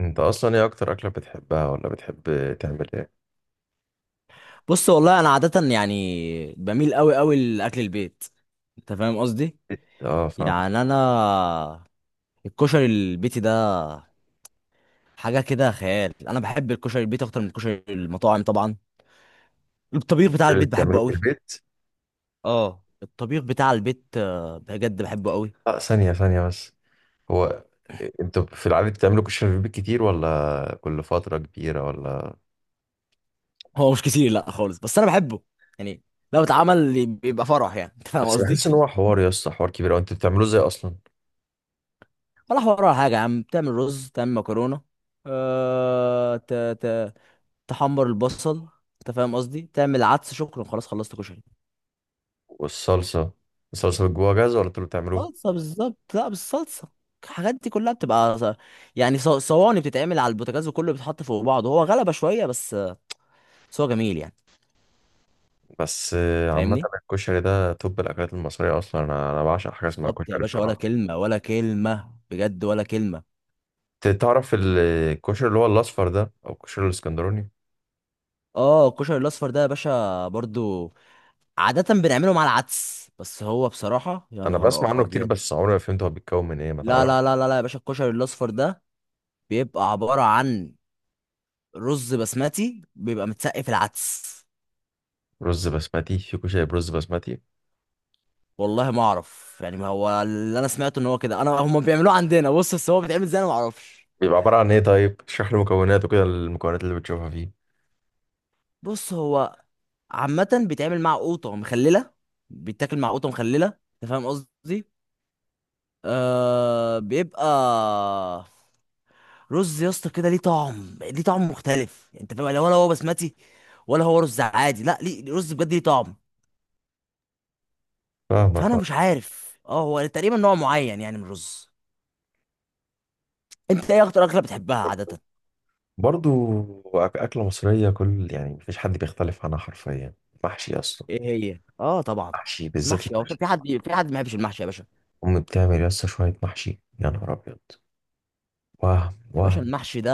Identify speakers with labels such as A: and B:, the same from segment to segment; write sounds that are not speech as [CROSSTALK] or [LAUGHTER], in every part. A: انت اصلا ايه اكتر اكله بتحبها ولا بتحب تعمل ايه؟
B: بص، والله انا عاده يعني بميل قوي قوي لاكل البيت. انت فاهم قصدي.
A: اه، فاهم.
B: يعني انا الكشري البيتي ده حاجه كده خيال. انا بحب الكشري البيتي اكتر من الكشري المطاعم طبعا. الطبيخ بتاع
A: اللي
B: البيت بحبه
A: بتعملوه في
B: قوي.
A: البيت.
B: اه، الطبيخ بتاع البيت بجد بحبه قوي.
A: اه، ثانيه ثانيه بس. هو انتوا في العادة بتعملوا كشري في البيت كتير، ولا كل فترة كبيرة، ولا؟
B: هو مش كتير، لا خالص، بس انا بحبه يعني. لو اتعمل بيبقى فرح يعني. [LAUGHS] انت فاهم
A: بس
B: قصدي.
A: بحس ان هو حوار يا اسطى، حوار كبير، وانتوا بتعملوه ازاي اصلا؟
B: ولا حوار ولا حاجه يا عم، بتعمل رز، تعمل مكرونه، أه... ت... ت... تحمر البصل، انت فاهم قصدي، تعمل عدس، شكرا خلاص خلصت كشري.
A: والصلصة، الصلصة جواها جاهزة، ولا انتوا اللي بتعملوها؟
B: صلصه، بالظبط، لا بالصلصه. الحاجات دي كلها بتبقى صواني، بتتعمل على البوتاجاز وكله بيتحط فوق بعضه. هو غلبه شويه بس، بس هو جميل يعني.
A: بس عامة
B: فاهمني
A: الكشري ده توب الأكلات المصرية أصلا. أنا بعشق حاجة اسمها
B: بالظبط يا
A: كشري
B: باشا، ولا
A: بصراحة.
B: كلمه، ولا كلمه، بجد ولا كلمه.
A: تعرف الكشري اللي هو الأصفر ده، أو الكشري الإسكندراني؟
B: اه، الكشري الاصفر ده يا باشا برضو عاده بنعمله مع العدس، بس هو بصراحه يا
A: انا بسمع
B: نهار
A: عنه كتير
B: ابيض.
A: بس عمري ما فهمت هو بيتكون من ايه، ما
B: لا
A: تعرف.
B: لا لا لا لا يا باشا، الكشري الاصفر ده بيبقى عباره عن رز بسمتي، بيبقى متسقف العدس.
A: رز بسمتي؟ في كشري برز بسمتي؟
B: والله ما اعرف يعني، ما هو اللي انا سمعته ان هو كده، انا هم بيعملوه عندنا بص، بس هو بيتعمل ازاي انا ما اعرفش.
A: بيبقى عبارة عن ايه طيب؟ اشرح لي مكوناته كده، المكونات اللي بتشوفها فيه.
B: بص هو عامه بيتعمل مع قوطه مخلله، بيتاكل مع قوطه مخلله، انت فاهم قصدي. آه بيبقى رز يا اسطى كده ليه طعم، ليه طعم مختلف يعني، انت فاهم يعني، ولا هو بسمتي ولا هو رز عادي، لا ليه رز بجد ليه طعم.
A: فاهمك
B: فانا
A: آه.
B: مش عارف، اه هو تقريبا نوع معين يعني من الرز. انت ايه اكتر اكله بتحبها عاده؟
A: برضو. أكلة مصرية، كل يعني مفيش حد بيختلف عنها حرفيا. محشي أصلا.
B: ايه هي؟ اه طبعا.
A: محشي، بالذات
B: المحشي، هو
A: المحشي.
B: في حد، في حد ما بيحبش المحشي يا باشا؟
A: أمي بتعمل يس شوية محشي، يا نهار أبيض. وهم
B: يا باشا
A: وهم.
B: المحشي ده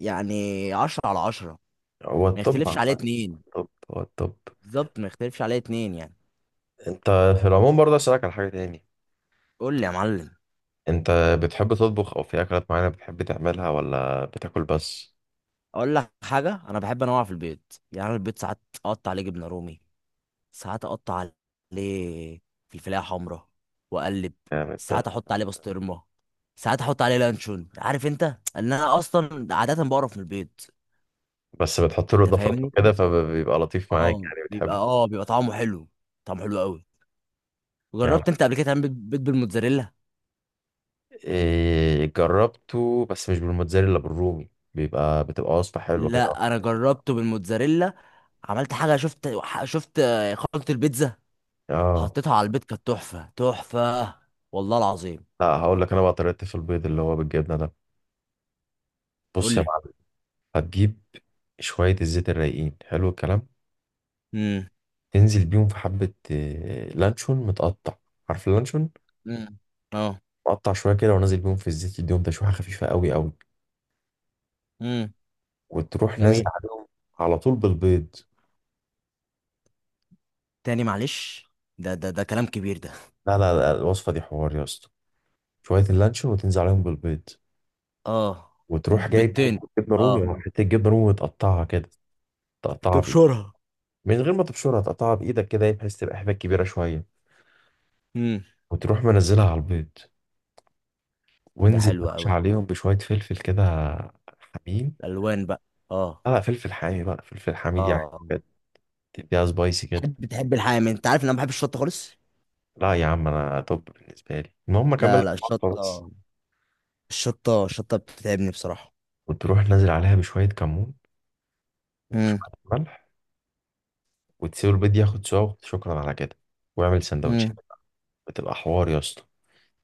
B: يعني عشرة على عشرة،
A: هو
B: ما
A: الطب
B: يختلفش عليه
A: عامة،
B: اتنين.
A: الطب هو الطب.
B: بالظبط ما يختلفش عليه اتنين يعني.
A: أنت، في العموم برضه أسألك على حاجة تاني.
B: قول لي يا معلم.
A: أنت بتحب تطبخ، أو في أكلات معينة بتحب تعملها، ولا بتاكل بس؟
B: اقول لك حاجة، انا بحب انوع في البيض يعني. أنا البيض ساعات اقطع عليه جبنة رومي، ساعات اقطع عليه فلفلاية حمراء واقلب،
A: جامد ده.
B: ساعات احط عليه بسطرمة، ساعات احط عليه لانشون. عارف انت ان انا اصلا عادة بقرف من البيض.
A: بس بتحط له
B: انت
A: اضافات
B: فاهمني.
A: وكده فبيبقى لطيف معاك،
B: اه
A: يعني
B: بيبقى،
A: بتحبه.
B: اه بيبقى طعمه حلو، طعمه حلو قوي.
A: يعني
B: جربت انت قبل كده تعمل بيض بالموتزاريلا؟
A: إيه، جربته بس مش بالموتزاريلا، بالرومي، بتبقى وصفة حلوة كده.
B: لا انا جربته بالموتزاريلا. عملت حاجه، شفت شفت خلطه البيتزا،
A: اه.
B: حطيتها على البيض، كانت تحفه تحفه، والله العظيم.
A: لا، هقول لك انا بقى طريقتي في البيض اللي هو بالجبنة ده.
B: قول
A: بص يا
B: لي.
A: معلم. هتجيب شوية الزيت الرايقين، حلو الكلام.
B: امم.
A: تنزل بيهم في حبة لانشون متقطع. عارف اللانشون؟
B: امم. اه.
A: مقطع شوية كده، ونازل بيهم في الزيت، يديهم تشويحة خفيفة قوي قوي.
B: امم.
A: وتروح نازل
B: جميل.
A: عليهم على طول بالبيض.
B: تاني معلش، ده كلام كبير ده.
A: لا لا لا، الوصفة دي حوار يا اسطى. شوية اللانشون وتنزل عليهم بالبيض.
B: اه.
A: وتروح جايب
B: بالتاني.
A: حتة جبنة رومي،
B: اه.
A: أو حتة جبنة رومي، وتقطعها كده. تقطعها بإيدك،
B: تبشرها.
A: من غير ما تبشرها، تقطعها بإيدك كده بحيث تبقى حبة كبيرة شوية.
B: امم.
A: وتروح منزلها على البيض.
B: ده
A: وانزل
B: حلو
A: يا باشا
B: قوي،
A: عليهم بشوية فلفل كده حمين.
B: الالوان بقى. اه.
A: لا لا، فلفل حامي بقى، فلفل حميد يعني.
B: اه.
A: بجد، تديها سبايسي كده.
B: تحب، الحامي انت؟ عارف ان انا ما بحبش الشطه خالص.
A: لا يا عم، أنا توب بالنسبة لي، المهم أكمل
B: لا
A: لك
B: لا
A: الخلطة بس.
B: الشطه، الشطه بتتعبني بصراحه.
A: وتروح نازل عليها بشوية كمون
B: امم.
A: وشوية ملح. وتسيب البيض ياخد سوا، شكرا على كده، واعمل سندوتش.
B: امم.
A: بتبقى حوار يا اسطى.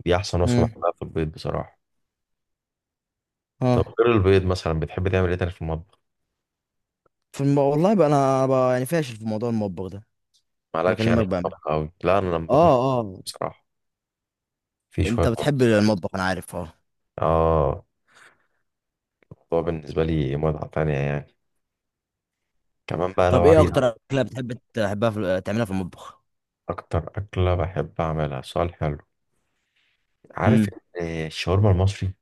A: دي احسن وصفه
B: امم.
A: بحبها في البيض بصراحه. طب
B: اه.
A: غير البيض مثلا، بتحب تعمل ايه تاني في المطبخ؟
B: في والله بقى انا بقى يعني فاشل في موضوع المطبخ ده.
A: مالكش يعني
B: بكلمك
A: في
B: بقى.
A: المطبخ قوي؟ لا، انا لما بخش
B: اه اه.
A: بصراحه في
B: انت
A: شويه
B: بتحب
A: مطبخ.
B: المطبخ انا عارف، اه.
A: اه. الموضوع بالنسبه لي متعه تانية يعني. كمان بقى لو
B: طب ايه
A: عايز.
B: اكتر اكله بتحب تعملها في المطبخ؟
A: اكتر اكله بحب اعملها؟ سؤال حلو. عارف
B: امم.
A: إن الشاورما المصري،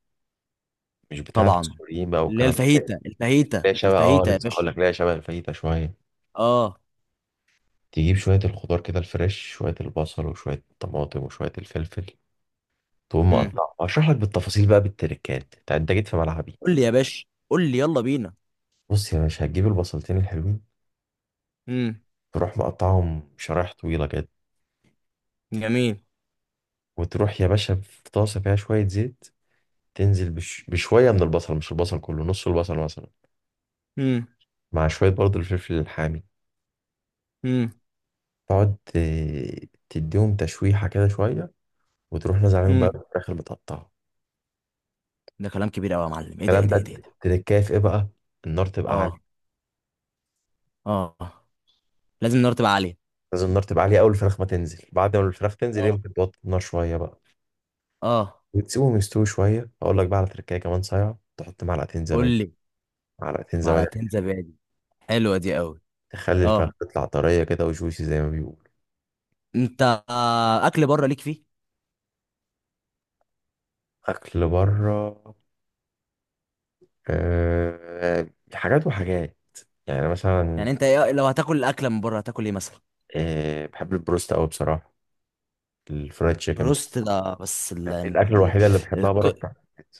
A: مش بتاعه
B: طبعا،
A: السوريين بقى
B: اللي هي
A: والكلام ده؟
B: الفاهيتا،
A: ليها شبه،
B: الفاهيتا يا
A: لسه هقول
B: باشا.
A: لك، ليها شبه الفايته شويه.
B: اه.
A: تجيب شويه الخضار كده، الفريش، شويه البصل وشويه الطماطم وشويه الفلفل. تقوم
B: امم.
A: مقطع، اشرح لك بالتفاصيل بقى، بالتركات. أنت جيت في ملعبي.
B: قول لي يا باشا، قول لي يلا بينا.
A: بص يا باشا، هتجيب البصلتين الحلوين.
B: امم.
A: تروح مقطعهم شرايح طويله كده.
B: جميل.
A: وتروح يا باشا في طاسه فيها شويه زيت. تنزل بشويه من البصل، مش البصل كله، نص البصل مثلا.
B: امم.
A: مع شويه برضو الفلفل الحامي. تقعد تديهم تشويحه كده شويه. وتروح نازل عليهم بقى
B: امم.
A: الفراخ اللي متقطعه.
B: ده كلام كبير قوي يا معلم، ايه ده، ايه
A: الكلام
B: ده،
A: ده،
B: ايه ده، إيه ده؟
A: التركايه في ايه بقى؟ النار تبقى
B: اه.
A: عاليه.
B: اه. آه. لازم النار تبقى عاليه.
A: لازم النار تبقى عاليه اول الفراخ ما تنزل. بعد ما الفراخ تنزل
B: اه.
A: يمكن توطي النار شويه بقى.
B: اه.
A: وتسيبهم يستوي شوية. أقول لك بقى، على تركاية كمان صايعة، تحط معلقتين
B: قول
A: زبادي.
B: لي.
A: معلقتين زبادي.
B: معلقتين زبادي، حلوه دي قوي.
A: تخلي الفراخ
B: اه.
A: تطلع طرية كده، وجوسي زي ما بيقولوا.
B: انت اكل بره ليك فيه؟
A: أكل بره. أه، حاجات وحاجات. يعني أنا مثلا،
B: يعني انت إيه لو هتاكل اكله من بره؟ هتاكل ايه مثلا؟
A: أه بحب البروست أوي بصراحة، الفرايد تشيكن.
B: بروست ده بس
A: يعني الأكلة الوحيدة اللي بحبها بره
B: الك-
A: بتاع البيت.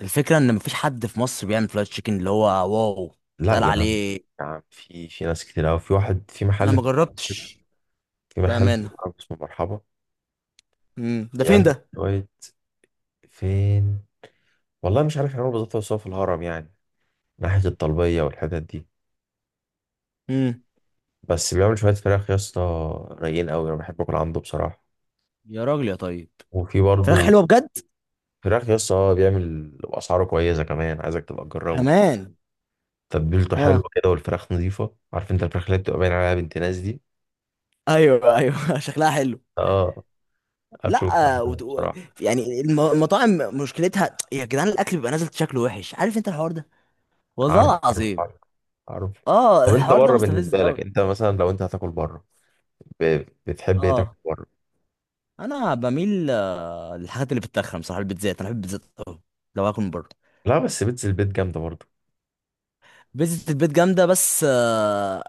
B: الفكره ان مفيش حد في مصر بيعمل فرايد تشيكن اللي هو واو
A: لا
B: يتقال
A: يا عم،
B: عليه.
A: يا عم في ناس كتير أوي، في واحد، في
B: انا
A: محل
B: ما
A: في العرب كده.
B: جربتش،
A: في محل في
B: بامانه.
A: العرب اسمه مرحبا.
B: امم، ده فين
A: بيعمل
B: ده؟
A: شوية. فين؟ والله مش عارف يعملوا بالظبط، بس هو في الهرم يعني، ناحية الطلبية والحتت دي.
B: امم.
A: بس بيعمل شوية فراخ يا اسطى رايقين قوي. أنا بحب أكل عنده بصراحة.
B: يا راجل يا طيب،
A: وفي
B: فراخ
A: برضه
B: حلوه بجد.
A: فراخ يا اسطى، بيعمل بأسعاره كويسة كمان، عايزك تبقى تجربه.
B: كمان.
A: تتبيلته حلوة
B: اه.
A: كده، والفراخ نظيفة، عارف أنت الفراخ اللي بتبقى باين عليها بنت ناس دي.
B: ايوه ايوه. [LAUGHS] شكلها حلو.
A: اه، أكله بيبقى
B: لا
A: حلو
B: وتقو...
A: بصراحة.
B: يعني المطاعم مشكلتها يا جدعان الاكل بيبقى نازل شكله وحش، عارف انت الحوار ده،
A: عارف،
B: والله
A: عارف،
B: العظيم.
A: عارف، عارف.
B: اه
A: طب أنت
B: الحوار ده
A: بره
B: مستفز
A: بالنسبة لك،
B: قوي.
A: أنت مثلا لو أنت هتاكل بره، بتحب إيه تاكل
B: اه
A: بره؟
B: انا بميل للحاجات اللي بتتخن بصراحه. البيتزات انا بحب البيتزات قوي لو هاكل من بره.
A: لا، بس بيتزا البيت جامدة برضه.
B: بيتزا البيت جامده بس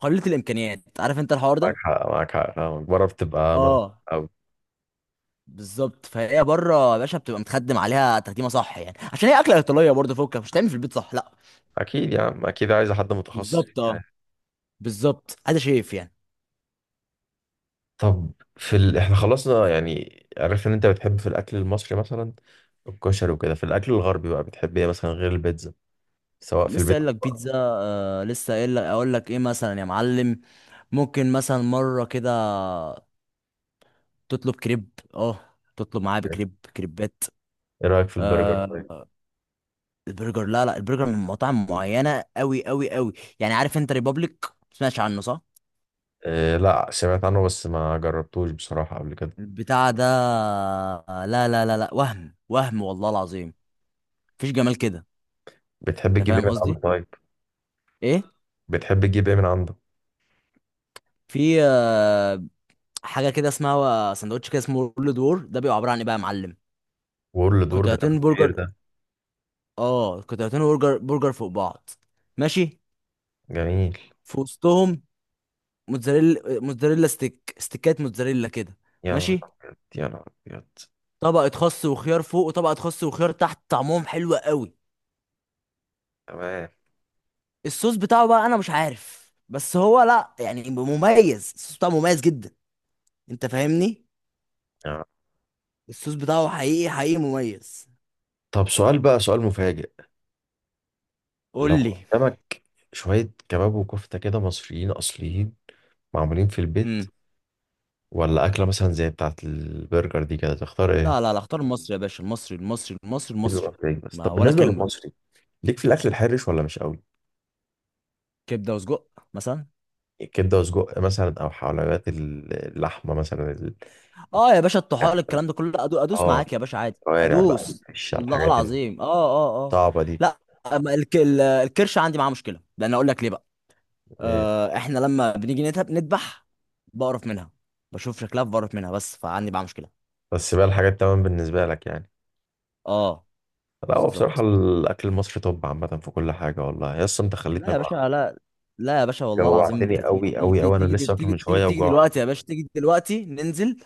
B: قليله الامكانيات، عارف انت الحوار
A: معاك
B: ده.
A: حق، معاك حق، فاهمك، بره بتبقى
B: اه.
A: أوي.
B: بالظبط، فهي بره يا باشا بتبقى متخدم عليها تخديمه صح يعني، عشان هي اكله ايطاليه برضه، فوكك مش تعمل في البيت صح، لا.
A: اكيد يا عم، اكيد عايز حد متخصص
B: بالظبط اه،
A: يعني.
B: بالظبط ادي شايف يعني.
A: طب، احنا خلصنا يعني، عرفنا ان انت بتحب في الاكل المصري مثلا الكشري وكده. في الاكل الغربي بقى بتحب ايه مثلا غير البيتزا، سواء في
B: لسه
A: البيت أو
B: قايل لك
A: بره؟
B: بيتزا، آه لسه قايل لك اقول لك ايه مثلا يا معلم. ممكن مثلا مره كده تطلب كريب، اه تطلب معاه بكريب، كريبات.
A: ايه رايك في البرجر طيب؟
B: آه البرجر، لا لا، البرجر من مطاعم معينه قوي قوي قوي يعني. عارف انت ريبابليك؟ سمعتش عنه صح؟
A: إيه، لا سمعت عنه بس ما جربتوش بصراحه قبل كده.
B: البتاع ده لا لا لا لا، وهم وهم والله العظيم، مفيش جمال كده،
A: بتحب
B: انت
A: تجيب ايه
B: فاهم
A: من عنده
B: قصدي.
A: طيب؟
B: ايه؟
A: بتحب تجيب ايه من عنده؟
B: في حاجه كده اسمها سندوتش كده اسمه رول دور، ده بيبقى عباره عن ايه بقى يا معلم؟
A: وورل دور ده كان
B: قطعتين
A: كبير
B: برجر،
A: ده.
B: اه قطعتين برجر، برجر فوق بعض. ماشي.
A: جميل.
B: في وسطهم موتزاريلا، ستيك، موتزاريلا كده.
A: يا نهار
B: ماشي.
A: ابيض، يا نهار ابيض.
B: طبقة خس وخيار فوق، وطبقة خس وخيار تحت، طعمهم حلو قوي.
A: تمام.
B: الصوص بتاعه بقى انا مش عارف، بس هو لا يعني مميز، الصوص بتاعه مميز جدا، انت فاهمني.
A: يا نهار.
B: الصوص بتاعه حقيقي حقيقي مميز.
A: طب سؤال بقى، سؤال مفاجئ.
B: قول
A: لو
B: لي.
A: قدامك شوية كباب وكفتة كده مصريين أصليين، معمولين في البيت،
B: امم.
A: ولا أكلة مثلا زي بتاعة البرجر دي كده، تختار
B: لا
A: إيه؟
B: لا لا، اختار المصري يا باشا، المصري المصري
A: حلو
B: المصري،
A: أوي. بس
B: ما
A: طب
B: ولا
A: بالنسبة
B: كلمة.
A: للمصري، ليك في الأكل الحرش ولا مش قوي؟
B: كبدة وسجق مثلا.
A: كبدة وسجق مثلا، أو حلويات اللحمة مثلا
B: اه يا باشا، الطحال، الكلام ده كله لا، ادوس
A: آه
B: معاك يا باشا عادي،
A: الكوارع بقى،
B: ادوس،
A: مش على
B: والله
A: الحاجات
B: العظيم، اه اه اه.
A: الصعبة دي؟
B: لا، أما الكرش عندي معاه مشكله، لان اقول لك ليه بقى.
A: إيه؟
B: آه احنا لما بنيجي نذبح، بقرف منها، بشوف شكلها بقرف منها، بس فعندي معاه مشكله.
A: بس بقى الحاجات تمام بالنسبة لك يعني.
B: اه.
A: لا، هو بصراحة
B: بالظبط.
A: الأكل المصري طب عامة في كل حاجة. والله يا اسطى أنت
B: لا
A: خليتني
B: يا
A: أجوع.
B: باشا لا، لا يا باشا والله العظيم، انت
A: جوعتني أوي أوي أوي، أنا لسه واكل من شوية
B: تيجي
A: وجوع.
B: دلوقتي يا باشا، تيجي دلوقتي ننزل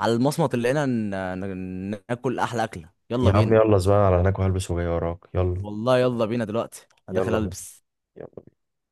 B: على المصمت اللي هنا، ناكل احلى اكله، يلا
A: يا عم،
B: بينا.
A: يلا زبالة على هناك وهلبس وجاي وراك. يلا.
B: والله يلا بينا دلوقتي، انا داخل
A: يلا.
B: البس.
A: يلا